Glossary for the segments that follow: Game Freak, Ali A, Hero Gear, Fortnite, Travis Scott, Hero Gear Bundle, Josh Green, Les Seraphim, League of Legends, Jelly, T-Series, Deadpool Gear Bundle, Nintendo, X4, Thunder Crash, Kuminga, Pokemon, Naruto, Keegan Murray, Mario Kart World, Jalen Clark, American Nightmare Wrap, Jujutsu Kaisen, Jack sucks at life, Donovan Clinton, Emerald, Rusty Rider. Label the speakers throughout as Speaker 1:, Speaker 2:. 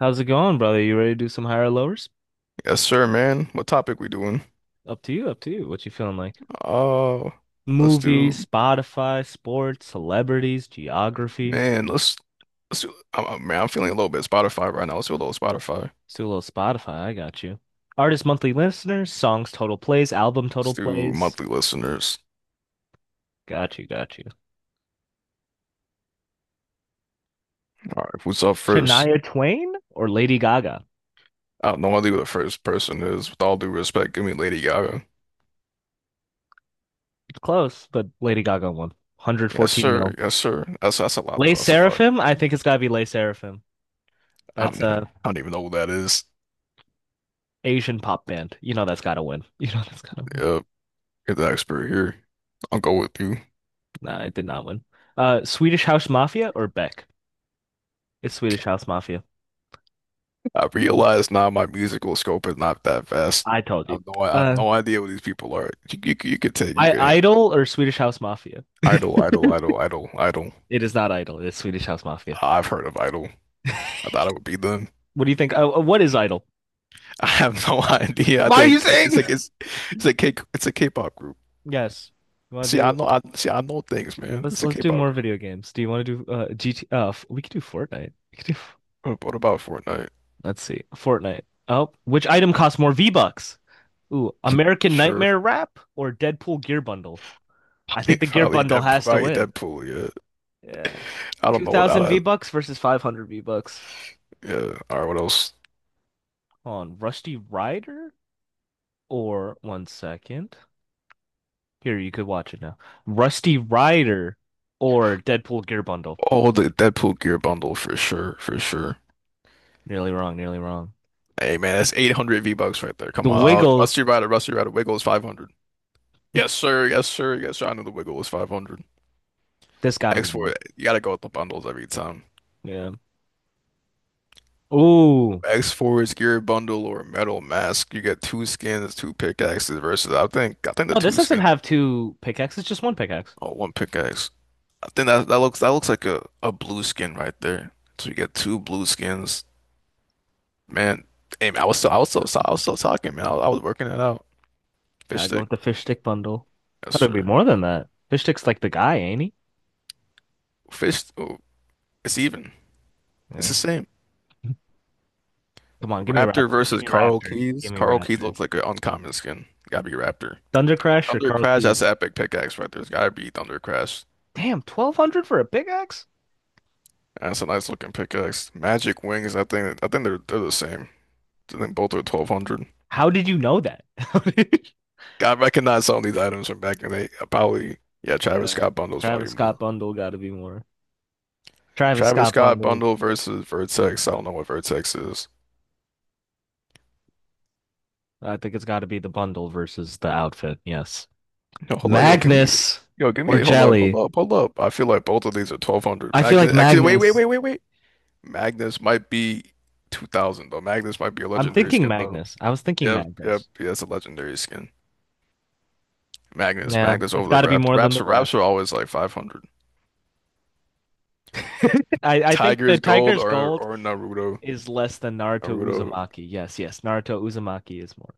Speaker 1: How's it going, brother? You ready to do some higher lowers?
Speaker 2: Yes, sir, man. What topic we doing?
Speaker 1: Up to you, up to you. What you feeling like?
Speaker 2: Oh, let's
Speaker 1: Movies,
Speaker 2: do,
Speaker 1: Spotify, sports, celebrities, geography.
Speaker 2: man. Let's do. Man, I'm feeling a little bit Spotify right now. Let's do a little Spotify.
Speaker 1: Let's do a little Spotify. I got you. Artist monthly listeners, songs total plays, album
Speaker 2: Let's
Speaker 1: total
Speaker 2: do
Speaker 1: plays.
Speaker 2: monthly listeners.
Speaker 1: Got you, got you.
Speaker 2: All right, who's up first?
Speaker 1: Shania Twain or Lady Gaga?
Speaker 2: I don't know who the first person is. With all due respect, give me Lady Gaga.
Speaker 1: It's close, but Lady Gaga won.
Speaker 2: Yes,
Speaker 1: 114
Speaker 2: sir.
Speaker 1: mil.
Speaker 2: Yes, sir. That's a lot
Speaker 1: Les
Speaker 2: though. That's a lot.
Speaker 1: Seraphim? I think it's gotta be Les Seraphim. That's
Speaker 2: I
Speaker 1: a
Speaker 2: don't even know who that is.
Speaker 1: Asian pop band. You know that's gotta win. You know that's gotta win.
Speaker 2: Yeah, get the expert here. I'll go with you.
Speaker 1: No, I did not win. Swedish House Mafia or Beck? It's Swedish House Mafia.
Speaker 2: I
Speaker 1: Okay.
Speaker 2: realize now my musical scope is not that vast.
Speaker 1: I told you.
Speaker 2: I have
Speaker 1: Uh,
Speaker 2: no idea what these people are. You
Speaker 1: I
Speaker 2: could handle
Speaker 1: Idol
Speaker 2: it.
Speaker 1: or Swedish House Mafia?
Speaker 2: Idol, Idol, Idol, Idol, Idol.
Speaker 1: It is not Idol. It is Swedish House Mafia.
Speaker 2: I've heard of Idol. I thought it would be them.
Speaker 1: What do you think? What is Idol?
Speaker 2: I have no idea. I
Speaker 1: Why are you
Speaker 2: think it's
Speaker 1: saying?
Speaker 2: like it's a K it's a K-pop group.
Speaker 1: Yes. You want to
Speaker 2: See,
Speaker 1: do?
Speaker 2: I know things, man.
Speaker 1: Let's
Speaker 2: It's a
Speaker 1: let's do
Speaker 2: K-pop
Speaker 1: more
Speaker 2: group.
Speaker 1: video games. Do you want to do GT? We could do Fortnite. We could do.
Speaker 2: What about Fortnite?
Speaker 1: Let's see, Fortnite. Oh, which item costs more V-Bucks? Ooh, American
Speaker 2: Sure,
Speaker 1: Nightmare Wrap or Deadpool Gear Bundle? I think the Gear Bundle has to
Speaker 2: Probably
Speaker 1: win.
Speaker 2: Deadpool. Yeah,
Speaker 1: Yeah.
Speaker 2: I don't know what
Speaker 1: 2000
Speaker 2: that.
Speaker 1: V-Bucks versus 500 V-Bucks
Speaker 2: Yeah, all right. What else?
Speaker 1: on Rusty Rider or one second. Here, you could watch it now. Rusty Rider or Deadpool Gear Bundle.
Speaker 2: Oh, the Deadpool gear bundle for sure, for sure.
Speaker 1: Nearly wrong, nearly wrong.
Speaker 2: Hey man, that's 800 V-Bucks right there.
Speaker 1: The
Speaker 2: Come on.
Speaker 1: Wiggle,
Speaker 2: Rusty Rider, Wiggle is 500. Yes, sir. Yes, sir. Yes, sir. I know the Wiggle is 500.
Speaker 1: this gotta be more.
Speaker 2: X4, you gotta go with the bundles every time.
Speaker 1: Yeah. Ooh.
Speaker 2: X4 is gear bundle or metal mask. You get two skins, two pickaxes versus I think the
Speaker 1: No, this
Speaker 2: two
Speaker 1: doesn't
Speaker 2: skin.
Speaker 1: have two pickaxes, just one pickaxe.
Speaker 2: Oh, one pickaxe. I think that looks like a blue skin right there. So you get two blue skins. Man, hey man, I was still I was still I was still talking, man. I was working it out. Fish
Speaker 1: Gotta go
Speaker 2: stick.
Speaker 1: with the fish stick bundle.
Speaker 2: Yes,
Speaker 1: Thought it'd be
Speaker 2: sir.
Speaker 1: more than that. Fish stick's like the guy, ain't he?
Speaker 2: Fish oh, it's even. It's the
Speaker 1: Yeah.
Speaker 2: same.
Speaker 1: Come on, give me
Speaker 2: Raptor
Speaker 1: Raptor. Give
Speaker 2: versus
Speaker 1: me
Speaker 2: Carl
Speaker 1: Raptor.
Speaker 2: Keys.
Speaker 1: Give me
Speaker 2: Carl Keys
Speaker 1: Raptor.
Speaker 2: looks like an uncommon skin. Gotta be Raptor.
Speaker 1: Thunder Crash or
Speaker 2: Thunder
Speaker 1: Carl
Speaker 2: Crash, that's an
Speaker 1: Keys?
Speaker 2: epic pickaxe right there. It's gotta be Thunder Crash.
Speaker 1: Damn, 1,200 for a pickaxe?
Speaker 2: That's a nice looking pickaxe. Magic Wings, I think they're the same. I think both are 1200.
Speaker 1: How did you know that?
Speaker 2: I recognize some of these items from back in the day. Probably, yeah, Travis
Speaker 1: Yeah,
Speaker 2: Scott bundles probably
Speaker 1: Travis Scott
Speaker 2: more.
Speaker 1: bundle got to be more. Travis
Speaker 2: Travis
Speaker 1: Scott
Speaker 2: Scott
Speaker 1: bundle.
Speaker 2: bundle versus Vertex. I don't know what Vertex is.
Speaker 1: I think it's got to be the bundle versus the outfit. Yes,
Speaker 2: Yo, hold on, yo, give me,
Speaker 1: Magnus
Speaker 2: yo, give
Speaker 1: or
Speaker 2: me, hold up, hold
Speaker 1: Jelly.
Speaker 2: up, hold up. I feel like both of these are 1200.
Speaker 1: I feel like
Speaker 2: Actually, wait, wait,
Speaker 1: Magnus.
Speaker 2: wait, wait, wait. Magnus might be 2000 though. Magnus might be a
Speaker 1: I'm
Speaker 2: legendary
Speaker 1: thinking
Speaker 2: skin though.
Speaker 1: Magnus. I was thinking
Speaker 2: Yep, yep,
Speaker 1: Magnus.
Speaker 2: yeah, it's a legendary skin. Magnus,
Speaker 1: Yeah,
Speaker 2: Magnus
Speaker 1: it's
Speaker 2: over the
Speaker 1: got to be
Speaker 2: Rapt.
Speaker 1: more than
Speaker 2: Raps,
Speaker 1: the rap.
Speaker 2: Raps are always like 500.
Speaker 1: I think the
Speaker 2: Tiger's Gold
Speaker 1: Tiger's
Speaker 2: or
Speaker 1: Gold
Speaker 2: or
Speaker 1: is less than Naruto
Speaker 2: Naruto,
Speaker 1: Uzumaki. Yes, yes, Naruto Uzumaki is more.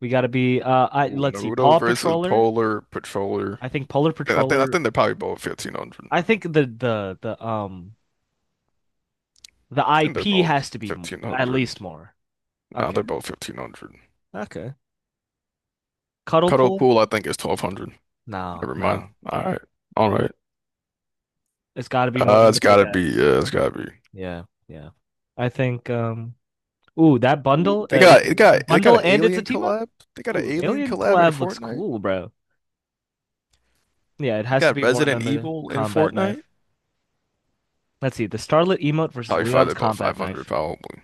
Speaker 1: We got to be. I
Speaker 2: ooh,
Speaker 1: let's see.
Speaker 2: Naruto
Speaker 1: Paw
Speaker 2: versus
Speaker 1: Patroller.
Speaker 2: Polar Patroller.
Speaker 1: I think Polar
Speaker 2: I think I
Speaker 1: Patroller
Speaker 2: think they're probably both 1500. I
Speaker 1: I think the
Speaker 2: think they're
Speaker 1: IP
Speaker 2: both
Speaker 1: has to be at
Speaker 2: 1500.
Speaker 1: least more.
Speaker 2: Nah,
Speaker 1: Okay.
Speaker 2: they're both 1500.
Speaker 1: Okay. Cuddle
Speaker 2: Cuddle
Speaker 1: pool?
Speaker 2: Pool I think is 1200.
Speaker 1: No,
Speaker 2: Never mind.
Speaker 1: no.
Speaker 2: All right, all right.
Speaker 1: It's got to be more than
Speaker 2: It's
Speaker 1: the
Speaker 2: gotta be.
Speaker 1: pickaxe.
Speaker 2: Yeah, it's gotta be.
Speaker 1: Yeah, yeah. I think ooh, that
Speaker 2: Ooh,
Speaker 1: bundle,
Speaker 2: They
Speaker 1: it's,
Speaker 2: got they
Speaker 1: it's a
Speaker 2: got they got
Speaker 1: bundle
Speaker 2: an
Speaker 1: and it's a
Speaker 2: alien
Speaker 1: team up?
Speaker 2: collab. They got an
Speaker 1: Ooh,
Speaker 2: alien
Speaker 1: Alien
Speaker 2: collab in
Speaker 1: Collab looks
Speaker 2: Fortnite.
Speaker 1: cool, bro. Yeah, it
Speaker 2: They
Speaker 1: has to
Speaker 2: got
Speaker 1: be more
Speaker 2: Resident
Speaker 1: than the
Speaker 2: Evil in
Speaker 1: combat
Speaker 2: Fortnite.
Speaker 1: knife. Let's see, the Starlit emote versus
Speaker 2: Probably five.
Speaker 1: Leon's
Speaker 2: They're both
Speaker 1: combat
Speaker 2: 500
Speaker 1: knife.
Speaker 2: probably.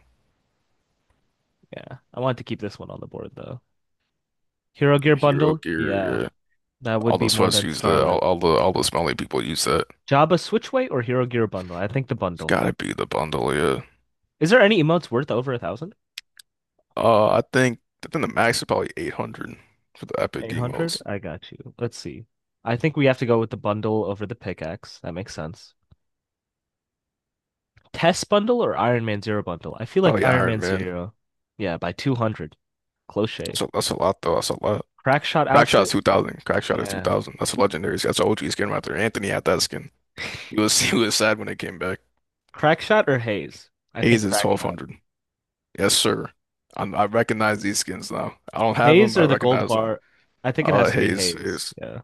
Speaker 1: Yeah, I want to keep this one on the board though. Hero Gear
Speaker 2: Hero
Speaker 1: bundle?
Speaker 2: Gear.
Speaker 1: Yeah,
Speaker 2: Yeah.
Speaker 1: that
Speaker 2: All
Speaker 1: would be
Speaker 2: those
Speaker 1: more
Speaker 2: fuss
Speaker 1: than
Speaker 2: use the all,
Speaker 1: Starlit.
Speaker 2: all the all the smelly people use that.
Speaker 1: Jabba Switchway or Hero Gear Bundle? I think the
Speaker 2: It's
Speaker 1: bundle.
Speaker 2: gotta be the bundle. Yeah.
Speaker 1: Is there any emotes worth over a thousand?
Speaker 2: Uh, I think I think the max is probably 800 for the epic
Speaker 1: 800?
Speaker 2: emotes.
Speaker 1: I got you. Let's see. I think we have to go with the bundle over the pickaxe. That makes sense. Test bundle or Iron Man Zero bundle? I feel like
Speaker 2: Probably
Speaker 1: Iron
Speaker 2: Iron
Speaker 1: Man
Speaker 2: Man.
Speaker 1: Zero. Yeah, by 200. Close
Speaker 2: That's
Speaker 1: shave.
Speaker 2: a, that's a lot though. That's a lot.
Speaker 1: Crackshot outfit?
Speaker 2: Crackshot's 2000. Crackshot is
Speaker 1: Yeah.
Speaker 2: 2000. That's a legendary. That's an OG skin right there. Anthony had that skin. He was he was sad when it came back.
Speaker 1: Crackshot or Haze? I think
Speaker 2: Hayes is
Speaker 1: Crackshot.
Speaker 2: 1200. Yes, sir. I recognize these skins now. I don't have them,
Speaker 1: Haze
Speaker 2: but
Speaker 1: or
Speaker 2: I
Speaker 1: the gold
Speaker 2: recognize them.
Speaker 1: bar? I think it has to be
Speaker 2: Hayes
Speaker 1: Haze.
Speaker 2: is
Speaker 1: Yeah.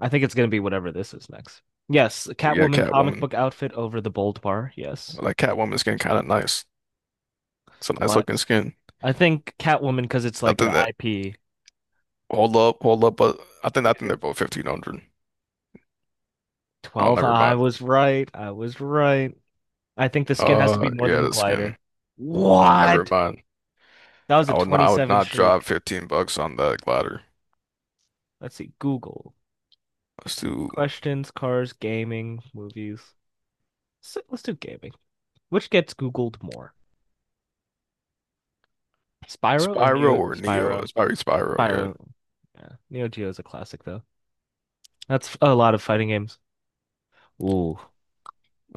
Speaker 1: I think it's going to be whatever this is next. Yes,
Speaker 2: yeah,
Speaker 1: Catwoman comic
Speaker 2: Catwoman.
Speaker 1: book outfit over the bold bar. Yes.
Speaker 2: Like Catwoman skin, kind of nice. It's a nice
Speaker 1: Black
Speaker 2: looking skin.
Speaker 1: I think Catwoman because it's
Speaker 2: I
Speaker 1: like an
Speaker 2: think that
Speaker 1: IP. Do
Speaker 2: hold up, but I think
Speaker 1: you
Speaker 2: I think they're
Speaker 1: think
Speaker 2: both 1500. Oh,
Speaker 1: 12?
Speaker 2: never
Speaker 1: I
Speaker 2: mind.
Speaker 1: was right. I was right. I think the skin has to be
Speaker 2: Uh,
Speaker 1: more than
Speaker 2: yeah,
Speaker 1: the
Speaker 2: the skin.
Speaker 1: glider.
Speaker 2: Never
Speaker 1: What?
Speaker 2: mind.
Speaker 1: That was a
Speaker 2: I would not. I would
Speaker 1: 27
Speaker 2: not drop
Speaker 1: streak.
Speaker 2: $15 on that glider.
Speaker 1: Let's see. Google.
Speaker 2: Let's do
Speaker 1: Questions, cars, gaming, movies. So let's do gaming. Which gets Googled more? Spyro or
Speaker 2: Spyro
Speaker 1: Neo
Speaker 2: or Neo.
Speaker 1: Spyro?
Speaker 2: It's probably Spyro. Yeah,
Speaker 1: Spyro. Yeah. Neo Geo is a classic though. That's a lot of fighting games. Ooh.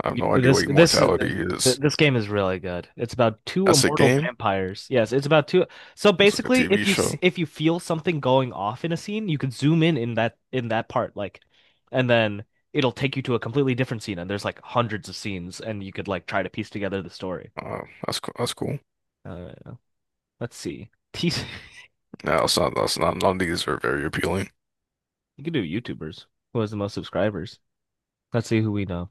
Speaker 2: I have no idea
Speaker 1: This
Speaker 2: what
Speaker 1: this
Speaker 2: Immortality
Speaker 1: th-
Speaker 2: is.
Speaker 1: this game is really good. It's about two
Speaker 2: That's a
Speaker 1: immortal
Speaker 2: game.
Speaker 1: vampires. Yes, it's about two. So
Speaker 2: That's like a
Speaker 1: basically,
Speaker 2: TV show.
Speaker 1: if you feel something going off in a scene, you could zoom in in that part, like, and then it'll take you to a completely different scene. And there's like hundreds of scenes, and you could like try to piece together the story.
Speaker 2: That's cool.
Speaker 1: Uh, let's see.
Speaker 2: No, it's not, that's not, none of these are very appealing.
Speaker 1: You could do YouTubers. Who has the most subscribers? Let's see who we know.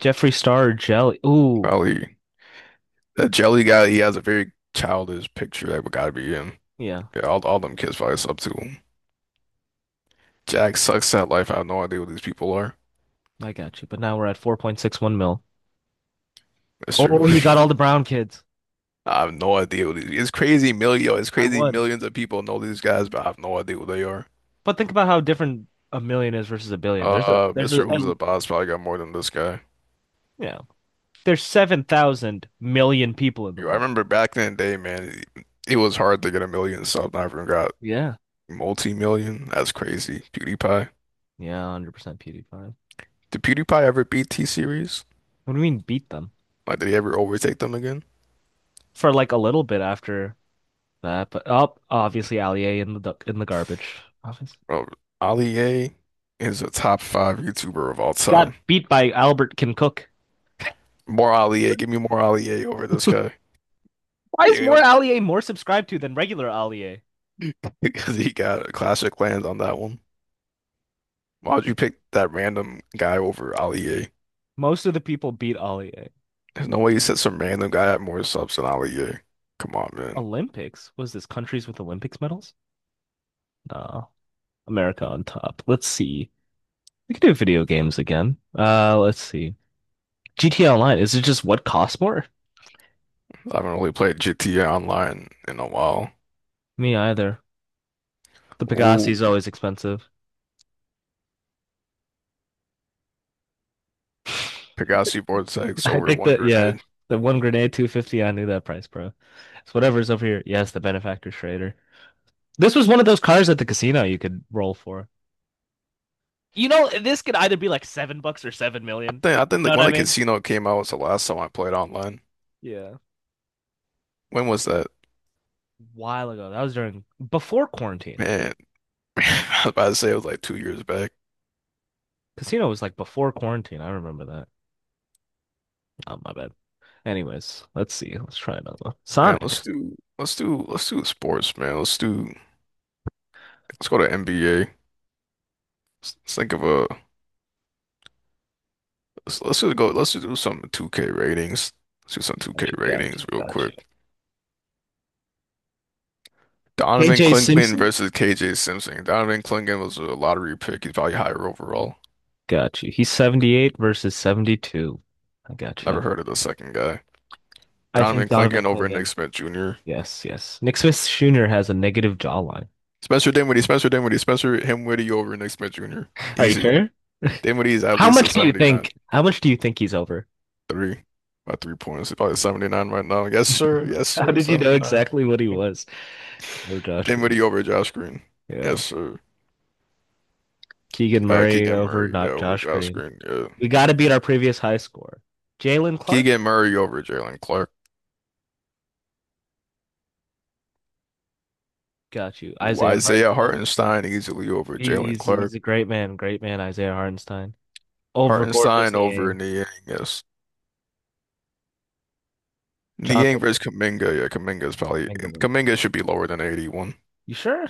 Speaker 1: Jeffree Star or Jelly. Ooh,
Speaker 2: Probably that jelly guy, he has a very childish picture that would gotta be him.
Speaker 1: yeah,
Speaker 2: Yeah, all them kids probably up to him. Jack sucks at life. I have no idea what these people are.
Speaker 1: I got you. But now we're at 4.61 mil.
Speaker 2: That's
Speaker 1: Oh,
Speaker 2: true.
Speaker 1: he got all the brown kids.
Speaker 2: I have no idea it's crazy million, it's
Speaker 1: I
Speaker 2: crazy
Speaker 1: won.
Speaker 2: millions of people know these guys, but I have no idea what they are.
Speaker 1: But think about how different a million is versus a billion. There's
Speaker 2: Mr.
Speaker 1: a
Speaker 2: Who's the Boss probably got more than this guy.
Speaker 1: Yeah. There's seven thousand million people in the
Speaker 2: Yo, I
Speaker 1: world.
Speaker 2: remember back in the day, man, it was hard to get a million subs. I even got
Speaker 1: Yeah.
Speaker 2: multi-million. That's crazy. PewDiePie.
Speaker 1: Yeah, 100% PewDiePie.
Speaker 2: Did PewDiePie ever beat T-Series?
Speaker 1: What do you mean beat them?
Speaker 2: Like, did he ever overtake them again?
Speaker 1: For like a little bit after that, but oh, obviously Allier in the in the garbage. Obviously.
Speaker 2: Bro, Ali A is a top five YouTuber of all
Speaker 1: He got
Speaker 2: time.
Speaker 1: beat by Albert Can Cook.
Speaker 2: More Ali A. Give me more Ali A over this guy.
Speaker 1: Why is
Speaker 2: Yeah,
Speaker 1: more Allier more subscribed to than regular Allier?
Speaker 2: because he got a classic land on that one. Why would you pick that random guy over Ali A?
Speaker 1: Most of the people beat Allier.
Speaker 2: There's no way you said some random guy had more subs than Ali A. Come on, man.
Speaker 1: Olympics? Was this countries with Olympics medals? No. America on top. Let's see. We could do video games again. Let's see. GTA Online, is it just what costs more?
Speaker 2: I haven't really played GTA Online in a while.
Speaker 1: Me either. The Pegasi is
Speaker 2: Ooh,
Speaker 1: always expensive.
Speaker 2: Pegasus Vortex
Speaker 1: I
Speaker 2: over
Speaker 1: think
Speaker 2: one
Speaker 1: that, yeah,
Speaker 2: grenade.
Speaker 1: the one grenade, 250, I knew that price, bro. It's whatever's over here. Yes, the benefactor trader. This was one of those cars at the casino you could roll for. You know, this could either be like $7 or seven
Speaker 2: I
Speaker 1: million.
Speaker 2: think I
Speaker 1: You
Speaker 2: think
Speaker 1: know
Speaker 2: like
Speaker 1: what
Speaker 2: when
Speaker 1: I
Speaker 2: the
Speaker 1: mean?
Speaker 2: casino came out was the last time I played online.
Speaker 1: Yeah. A
Speaker 2: When was that?
Speaker 1: while ago. That was during before quarantine.
Speaker 2: Man. I was about to say it was like 2 years back.
Speaker 1: Casino was like before quarantine. I remember that. Oh, my bad. Anyways, let's see. Let's try another one.
Speaker 2: Man, let's
Speaker 1: Sonic.
Speaker 2: do let's do let's do sports, man. Let's go to NBA. Let's think of a let's just go let's just do some 2K ratings. Let's do some 2K
Speaker 1: Got you, got you,
Speaker 2: ratings real
Speaker 1: got you.
Speaker 2: quick. Donovan
Speaker 1: KJ
Speaker 2: Clinton
Speaker 1: Simpson?
Speaker 2: versus KJ Simpson. Donovan Clinton was a lottery pick. He's probably higher overall.
Speaker 1: Got you. He's 78 versus 72. I got you.
Speaker 2: Never heard of the second guy.
Speaker 1: I think
Speaker 2: Donovan
Speaker 1: Donovan
Speaker 2: Clinton over Nick
Speaker 1: Clingan.
Speaker 2: Smith Jr.
Speaker 1: Yes, yes. Nick Smith Jr. has a negative jawline.
Speaker 2: Spencer Dinwiddie over Nick Smith Jr.
Speaker 1: Are you
Speaker 2: Easy.
Speaker 1: sure?
Speaker 2: Dinwiddie is at
Speaker 1: How
Speaker 2: least a
Speaker 1: much do you
Speaker 2: 79.
Speaker 1: think? How much do you think he's over?
Speaker 2: Three. My 3 points. He's probably 79 right now. Yes, sir. Yes,
Speaker 1: How
Speaker 2: sir.
Speaker 1: did you know
Speaker 2: 79.
Speaker 1: exactly what he
Speaker 2: Then
Speaker 1: was over Josh Green?
Speaker 2: Dinwiddie over Josh Green.
Speaker 1: Yeah.
Speaker 2: Yes, sir.
Speaker 1: Keegan Murray
Speaker 2: Keegan
Speaker 1: over
Speaker 2: Murray, yeah,
Speaker 1: not
Speaker 2: over
Speaker 1: Josh
Speaker 2: Josh
Speaker 1: Green.
Speaker 2: Green. Yeah.
Speaker 1: We got to beat our previous high score. Jalen Clark?
Speaker 2: Keegan Murray over Jalen Clark.
Speaker 1: Got you.
Speaker 2: Ooh,
Speaker 1: Isaiah
Speaker 2: Isaiah
Speaker 1: Hartenstein.
Speaker 2: Hartenstein easily over Jalen
Speaker 1: He's
Speaker 2: Clark.
Speaker 1: he's a great man, Isaiah Hartenstein. Over Gore
Speaker 2: Hartenstein over
Speaker 1: Disney,
Speaker 2: Niang, yes.
Speaker 1: Jonathan
Speaker 2: Niang versus Kuminga. Yeah, Kuminga is probably
Speaker 1: Mingowy.
Speaker 2: Kuminga should be lower than 81.
Speaker 1: You sure?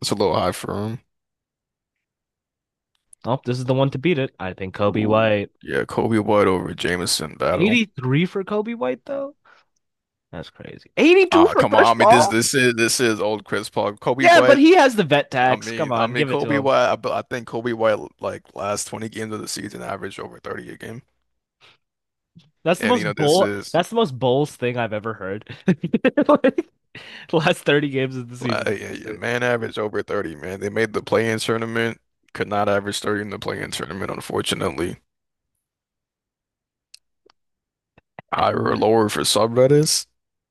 Speaker 2: It's a little high for him.
Speaker 1: Oh, this is the one to beat it. I think Kobe
Speaker 2: Ooh,
Speaker 1: White.
Speaker 2: yeah, Kobe White over Jameson battle.
Speaker 1: 83 for Kobe White, though? That's crazy. 82
Speaker 2: Ah,
Speaker 1: for
Speaker 2: come on.
Speaker 1: Chris
Speaker 2: I mean, this
Speaker 1: Paul?
Speaker 2: this is this is old Chris Paul.
Speaker 1: Yeah, but he has the vet tax. Come on, give it to
Speaker 2: Kobe
Speaker 1: him.
Speaker 2: White. But I think Kobe White like last 20 games of the season averaged over 30 a game,
Speaker 1: That's the
Speaker 2: and
Speaker 1: most
Speaker 2: you know this
Speaker 1: bull
Speaker 2: is
Speaker 1: that's the most bulls thing I've ever heard. Like, the last 30 games of the
Speaker 2: like,
Speaker 1: season.
Speaker 2: yeah, yeah, man averaged over 30. Man, they made the play-in tournament, could not average 30 in the play-in tournament, unfortunately. Higher or lower for subreddits,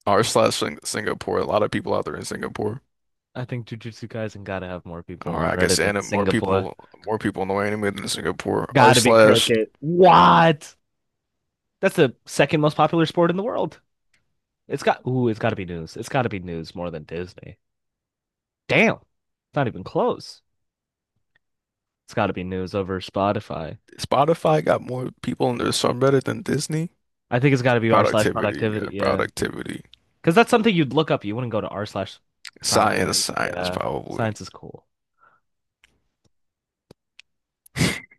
Speaker 2: r slash Singapore. A lot of people out there in Singapore.
Speaker 1: I think Jujutsu Kaisen gotta have more people
Speaker 2: Or
Speaker 1: on
Speaker 2: I guess
Speaker 1: Reddit than
Speaker 2: anime,
Speaker 1: Singapore.
Speaker 2: more people know anime than Singapore. R
Speaker 1: Gotta be
Speaker 2: slash
Speaker 1: cricket. What? That's the second most popular sport in the world. It's got to be news. It's got to be news more than Disney. Damn, it's not even close. It's got to be news over Spotify.
Speaker 2: Spotify got more people in their subreddit than Disney.
Speaker 1: I think it's got to be r slash
Speaker 2: Productivity,
Speaker 1: productivity.
Speaker 2: yeah,
Speaker 1: Yeah,
Speaker 2: productivity.
Speaker 1: because that's something you'd look up. You wouldn't go to r slash
Speaker 2: Science,
Speaker 1: science.
Speaker 2: science,
Speaker 1: Yeah,
Speaker 2: probably.
Speaker 1: science is cool.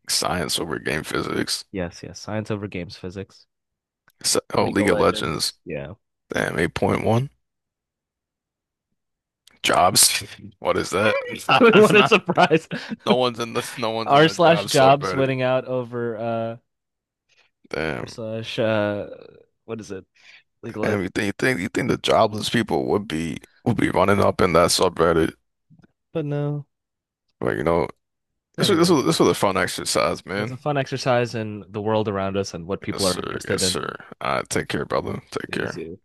Speaker 2: Science over game physics.
Speaker 1: Yes, yes, science over games physics.
Speaker 2: Oh,
Speaker 1: League
Speaker 2: League
Speaker 1: of
Speaker 2: of Legends.
Speaker 1: Legends. Yeah.
Speaker 2: Damn, 8.1. Jobs. What is that? That's
Speaker 1: What a
Speaker 2: not.
Speaker 1: surprise.
Speaker 2: No one's in the no one's in
Speaker 1: R
Speaker 2: the job
Speaker 1: slash jobs
Speaker 2: subreddit.
Speaker 1: winning out over R
Speaker 2: Damn.
Speaker 1: slash what is it? League of Legends.
Speaker 2: And you think the jobless people would be running up in that subreddit.
Speaker 1: But no.
Speaker 2: But you know, this was this
Speaker 1: Anyway.
Speaker 2: was this was a fun exercise,
Speaker 1: It's a
Speaker 2: man.
Speaker 1: fun exercise in the world around us and what
Speaker 2: Yes,
Speaker 1: people are
Speaker 2: sir.
Speaker 1: interested
Speaker 2: Yes,
Speaker 1: in.
Speaker 2: sir. All right, take care, brother. Take care.
Speaker 1: It's-